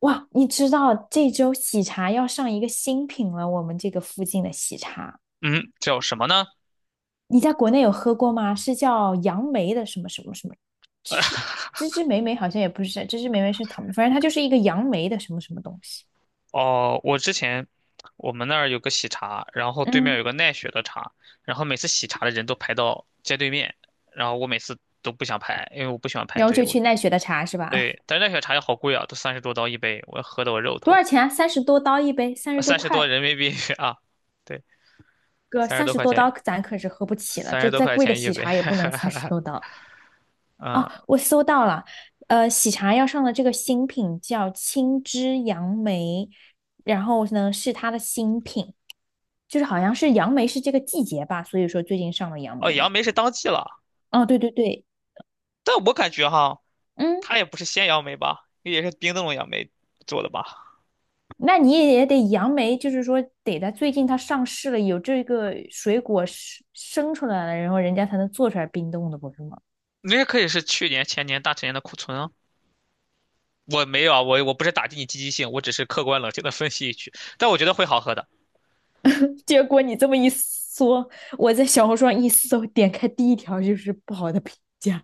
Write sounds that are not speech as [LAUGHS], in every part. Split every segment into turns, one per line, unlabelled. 哇，你知道这周喜茶要上一个新品了，我们这个附近的喜茶，
嗯，叫什么呢？
你在国内有喝过吗？是叫杨梅的什么什么什么，芝芝芝芝莓莓好像也不是，芝芝莓莓是草莓，反正它就是一个杨梅的什么什么东西。
哦，我之前我们那儿有个喜茶，然后对面
嗯，
有个奈雪的茶，然后每次喜茶的人都排到街对面，然后我每次都不想排，因为我不喜欢排
然后
队。
就去奈雪的茶是吧？
对，但是奈雪茶也好贵啊，都30多刀一杯，我喝的我肉
[LAUGHS] 多
疼。
少钱啊？三十多刀一杯，三十多
三十多
块。
人民币 [LAUGHS] 啊，对，
哥，
三十
三
多
十
块
多
钱，
刀咱可是喝不起了，
三
这
十多
再
块
贵的
钱一
喜
杯。
茶也不能
[LAUGHS]
三十多刀。
嗯，
哦，我搜到了，喜茶要上的这个新品叫青汁杨梅，然后呢是它的新品，就是好像是杨梅是这个季节吧，所以说最近上了杨
哦，
梅呢。
杨梅是当季了，
哦，对对对，
但我感觉哈，
嗯，
它也不是鲜杨梅吧，也是冰冻的杨梅做的吧？
那你也得杨梅，就是说得在最近它上市了，有这个水果生生出来了，然后人家才能做出来冰冻的，不是吗？
那也可以是去年前年大前年的库存啊。我没有啊，我不是打击你积极性，我只是客观冷静的分析一句，但我觉得会好喝的，
[LAUGHS] 结果你这么一说，我在小红书上一搜，点开第一条就是不好的评价，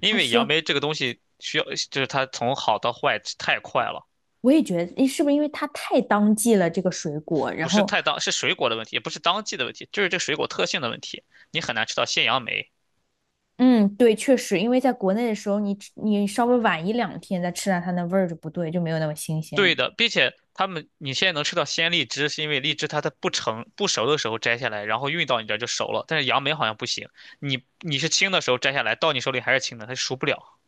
因
他
为杨
说。
梅这个东西需要，就是它从好到坏太快了，
我也觉得，诶，是不是因为它太当季了这个水果？
不
然
是
后，
太当，是水果的问题，也不是当季的问题，就是这水果特性的问题，你很难吃到鲜杨梅。
嗯，对，确实，因为在国内的时候，你吃你稍微晚一两天再吃它，它那味儿就不对，就没有那么新鲜
对
了。
的，并且你现在能吃到鲜荔枝，是因为荔枝它在不成不熟的时候摘下来，然后运到你这儿就熟了，但是杨梅好像不行，你是青的时候摘下来，到你手里还是青的，它熟不了。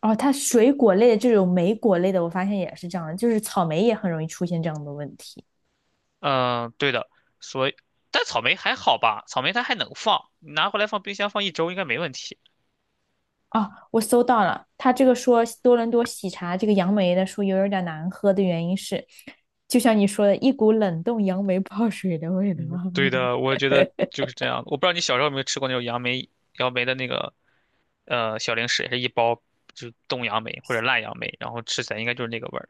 哦，它水果类的这种莓果类的，我发现也是这样的，就是草莓也很容易出现这样的问题。
嗯，对的，所以但草莓还好吧，草莓它还能放，你拿回来放冰箱放一周应该没问题。
哦，我搜到了，他这个说多伦多喜茶这个杨梅的说有点难喝的原因是，就像你说的，一股冷冻杨梅泡水的味道。
嗯，对的，我觉得就是这样。我不知道你小时候有没有吃过那种杨梅的那个小零食，也是一包就是冻杨梅或者烂杨梅，然后吃起来应该就是那个味儿。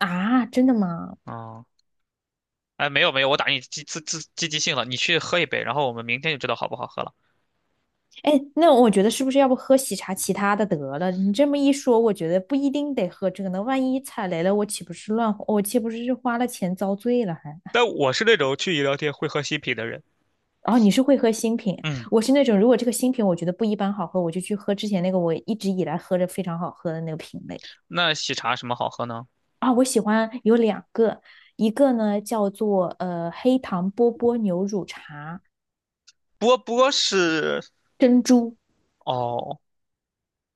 [LAUGHS] 啊，真的吗？
啊、哎，没有没有，我打你积自自积极性了，你去喝一杯，然后我们明天就知道好不好喝了。
哎，那我觉得是不是要不喝喜茶其他的得了？你这么一说，我觉得不一定得喝这个呢。万一踩雷了，我岂不是是花了钱遭罪了还？
但我是那种去饮料店会喝新品的人。
哦，你是会喝新品，
嗯，
我是那种如果这个新品我觉得不一般好喝，我就去喝之前那个我一直以来喝着非常好喝的那个品类
那喜茶什么好喝呢？
啊。我喜欢有两个，一个呢叫做黑糖波波牛乳茶
波波是
珍珠，
哦，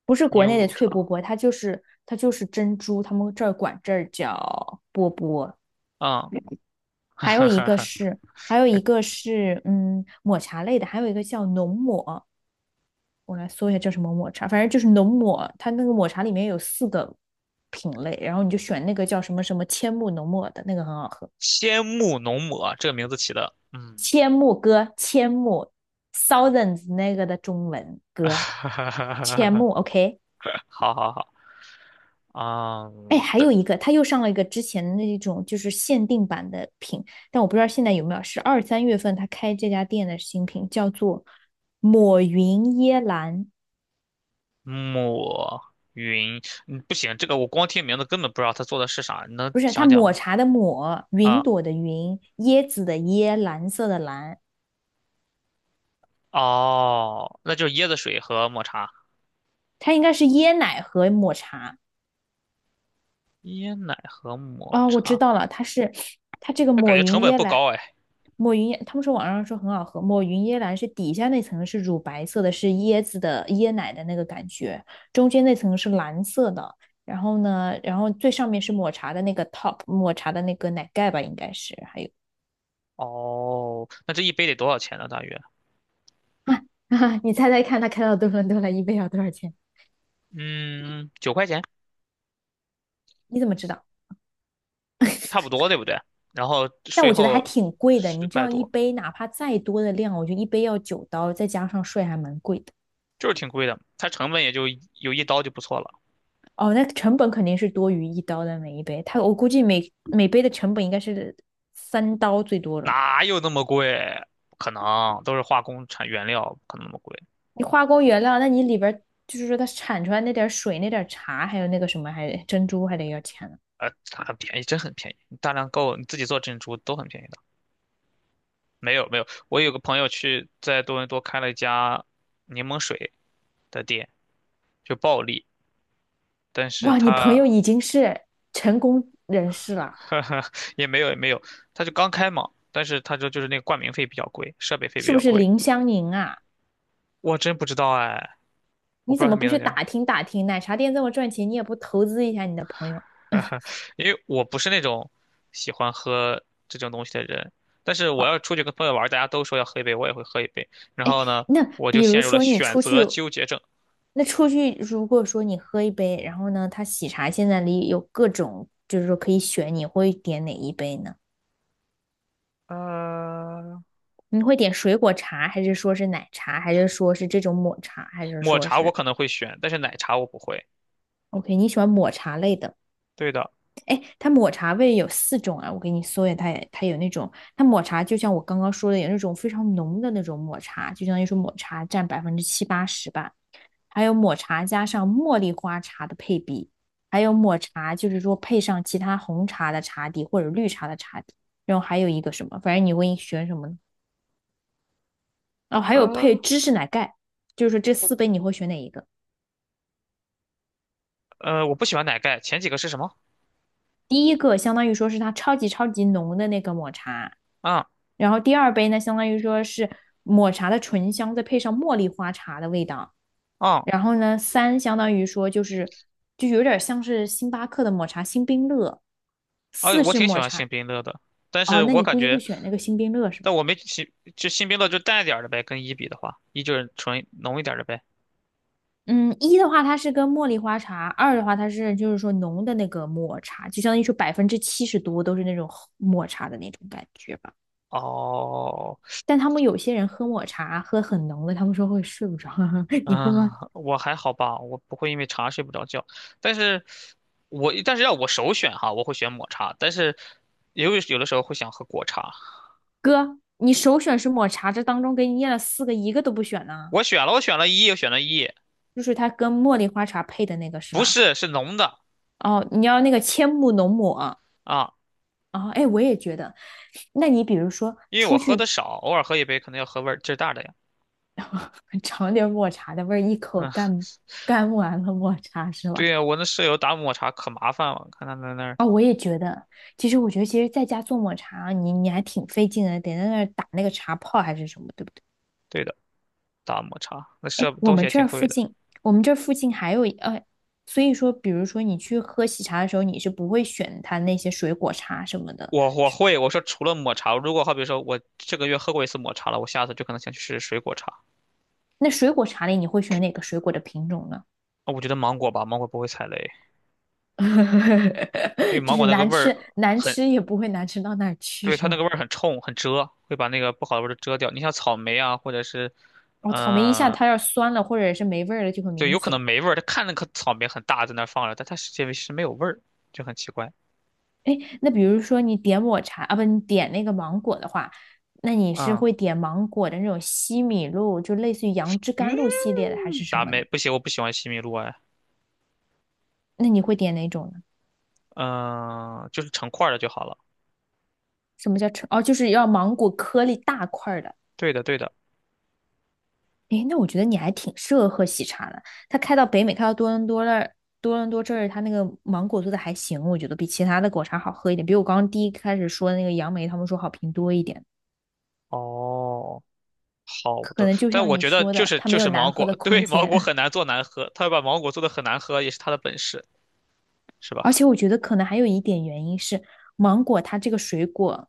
不是国
牛
内的
乳
脆波
茶。
波，它就是珍珠，他们这儿管这儿叫波波。
嗯，[LAUGHS] 哈
还有
哈
一
哈，
个
哈
是，还有一个是，嗯，抹茶类的，还有一个叫浓抹，我来搜一下叫什么抹茶，反正就是浓抹，它那个抹茶里面有四个品类，然后你就选那个叫什么什么千木浓抹的那个很好喝，
仙木浓抹这个名字起的，嗯，
千木哥，千木 Thousands 那个的中文
[LAUGHS]
歌，
哈哈哈哈
千
哈，
木，OK。
好好好，啊、
哎，还有
的
一个，他又上了一个之前的那种就是限定版的品，但我不知道现在有没有，是二三月份他开这家店的新品，叫做抹云椰蓝，
抹云，嗯，不行，这个我光听名字根本不知道他做的是啥，你能
不是，他
讲讲
抹
吗？
茶的抹，云
啊，
朵的云，椰子的椰，蓝色的蓝，
哦，那就是椰子水和抹茶，
它应该是椰奶和抹茶。
椰奶和抹
啊，我知
茶，
道了，它这个
那感
抹
觉
云
成本
椰
不
蓝，
高哎。
抹云，椰，他们说网上说很好喝，抹云椰蓝是底下那层是乳白色的，是椰子的椰奶的那个感觉，中间那层是蓝色的，然后呢，然后最上面是抹茶的那个 top，抹茶的那个奶盖吧，应该是，还有
哦，那这一杯得多少钱呢？大约，
[LAUGHS] 啊啊！你猜猜看，它开到多伦多来，一杯要多少钱？
嗯，9块钱，
你怎么知道？
差不多，对不对？然后
但
税
我觉得还
后
挺贵的，
十
你这
块
样一
多。
杯哪怕再多的量，我觉得一杯要九刀，再加上税还蛮贵的。
就是挺贵的，它成本也就有一刀就不错了，
哦，那成本肯定是多于一刀的每一杯，它我估计每杯的成本应该是三刀最多了。
哪有那么贵？不可能，都是化工产原料，不可能那么贵。
你化工原料，那你里边儿就是说它产出来那点儿水、那点儿茶，还有那个什么，还珍珠还得要钱呢。
它很便宜，真很便宜，你大量购，你自己做珍珠都很便宜的。没有没有，我有个朋友去在多伦多开了一家柠檬水的店，就暴利，但是
哇，你朋
他
友已经是成功人士了，
[LAUGHS] 呵呵也没有也没有，他就刚开嘛，但是他说就是那个冠名费比较贵，设备费比
是不
较
是
贵。
林湘宁啊？
我真不知道哎，我
你
不知
怎
道他
么不
名
去
字叫。
打听打听？奶茶店这么赚钱，你也不投资一下你的朋友？
[LAUGHS] 哈哈，因为我不是那种喜欢喝这种东西的人，但是我要出去跟朋友玩儿，大家都说要喝一杯，我也会喝一杯。然后呢，
那
我就
比如
陷入了
说你
选
出去，
择纠结症。
那出去如果说你喝一杯，然后呢，他喜茶现在里有各种，就是说可以选，你会点哪一杯呢？
呃，
你会点水果茶，还是说是奶茶，还是说是这种抹茶，还是
抹
说
茶我
是
可能会选，但是奶茶我不会。
OK？你喜欢抹茶类的？
对的，
哎，它抹茶味有四种啊，我给你搜一下，它也它有那种，它抹茶就像我刚刚说的，有那种非常浓的那种抹茶，就相当于说抹茶占百分之七八十吧。还有抹茶加上茉莉花茶的配比，还有抹茶就是说配上其他红茶的茶底或者绿茶的茶底，然后还有一个什么，反正你会选什么呢？哦，还有配
呃
芝士奶盖，就是说这四杯你会选哪一个？
我不喜欢奶盖。前几个是什么？
第一个相当于说是它超级超级浓的那个抹茶，
啊
然后第二杯呢，相当于说是抹茶的醇香，再配上茉莉花茶的味道。
啊
然后呢，三相当于说就是就有点像是星巴克的抹茶星冰乐，
啊！
四
我
是
挺喜
抹
欢
茶，
星冰乐的，但
哦，
是
那
我
你
感
估计会
觉，
选那个星冰乐是吧？
但我没星就星冰乐就淡一点儿的呗，跟一比的话，一就是纯浓一点儿的呗。
嗯，一的话它是跟茉莉花茶，二的话它是就是说浓的那个抹茶，就相当于说百分之七十多都是那种抹茶的那种感觉吧。
哦，
但他们有些人喝抹茶喝很浓的，他们说会睡不着，[LAUGHS] 你会吗？
啊，我还好吧，我不会因为茶睡不着觉，但是要我首选哈，我会选抹茶，但是也有的时候会想喝果茶。
哥，你首选是抹茶，这当中给你念了四个，一个都不选呢，
我选了，我选了一，我选了一，
就是它跟茉莉花茶配的那个是
不
吧？
是是浓的
哦，你要那个千木浓抹啊？
啊，
哎，我也觉得，那你比如说
因为我
出
喝的
去
少，偶尔喝一杯可能要喝味儿劲儿大的呀。
尝点抹茶的味儿，一
[LAUGHS]
口
嗯，
干干完了抹茶是
对
吧？
呀，我那舍友打抹茶可麻烦了，看他在那儿，
啊，我也觉得，其实我觉得，其实在家做抹茶，你还挺费劲的，得在那儿打那个茶泡还是什么，对不对？
对的，打抹茶那
哎，
设备
我
东西
们
也
这
挺
儿附
贵的。
近，我们这儿附近还有一，所以说，比如说你去喝喜茶的时候，你是不会选它那些水果茶什么的。
我会，我说除了抹茶，如果好比说我这个月喝过一次抹茶了，我下次就可能想去试试水果茶。
那水果茶里，你会选哪个水果的品种呢？
啊我觉得芒果吧，芒果不会踩雷。因为
[LAUGHS] 就
芒果
是
那个
难
味儿
吃，难
很，
吃也不会难吃到哪儿去，
对，
是
它那个
吧？
味儿很冲，很遮，会把那个不好的味儿都遮掉。你像草莓啊，或者是，
哦，草莓一下
嗯、
它要是酸了或者是没味儿了就很
对，
明
有可能
显。
没味儿。它看那颗草莓很大，在那儿放着，但它实际是没有味儿，就很奇怪。
哎，那比如说你点抹茶啊，不，你点那个芒果的话，那你是
啊、
会点芒果的那种西米露，就类似于杨枝甘
嗯，
露系列的，还是什
达
么
美
呢？
不行，我不喜欢西米露哎。
那你会点哪种呢？
嗯、就是成块儿的就好了。
什么叫成？哦，就是要芒果颗粒大块儿的。
对的，对的。
哎，那我觉得你还挺适合喝喜茶的。它开到北美，开到多伦多那儿，多伦多这儿，它那个芒果做的还行，我觉得比其他的果茶好喝一点，比我刚刚第一开始说的那个杨梅，他们说好评多一点。
哦，好
可
的。
能就
但
像
我
你
觉得
说
就
的，
是
它没
就
有
是
难
芒
喝的
果，
空
对，芒果
间。
很难做难喝，它把芒果做的很难喝也是他的本事，是吧？
而且我觉得可能还有一点原因是，芒果它这个水果，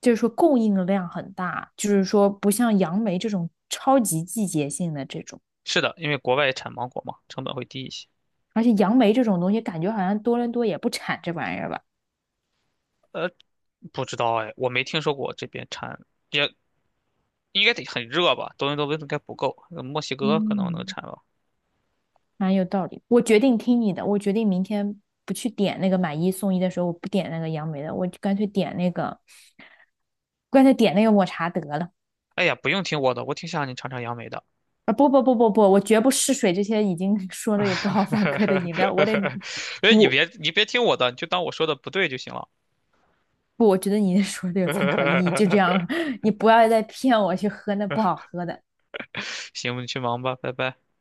就是说供应量很大，就是说不像杨梅这种超级季节性的这种。
是的，因为国外产芒果嘛，成本会低一些。
而且杨梅这种东西，感觉好像多伦多也不产这玩意儿吧？
呃，不知道哎，我没听说过这边产，也应该得很热吧？多伦多温度应该不够，墨西哥可能能
嗯，
产吧。
蛮有道理。我决定听你的，我决定明天不去点那个买一送一的时候，我不点那个杨梅的，我就干脆点那个，干脆点那个抹茶得了。
哎呀，不用听我的，我挺想让你尝尝杨梅的。
啊，不不不不不，我绝不试水这些已经 [LAUGHS] 说了有不好反馈的饮料，我得
[LAUGHS] 哎，你
我
别你别听我的，你就当我说的不对就行了。
不，我觉得你说的有参考意义，就这样了，
[LAUGHS]
[LAUGHS] 你不要再骗我去喝那不好喝的。
行，你去忙吧，拜拜。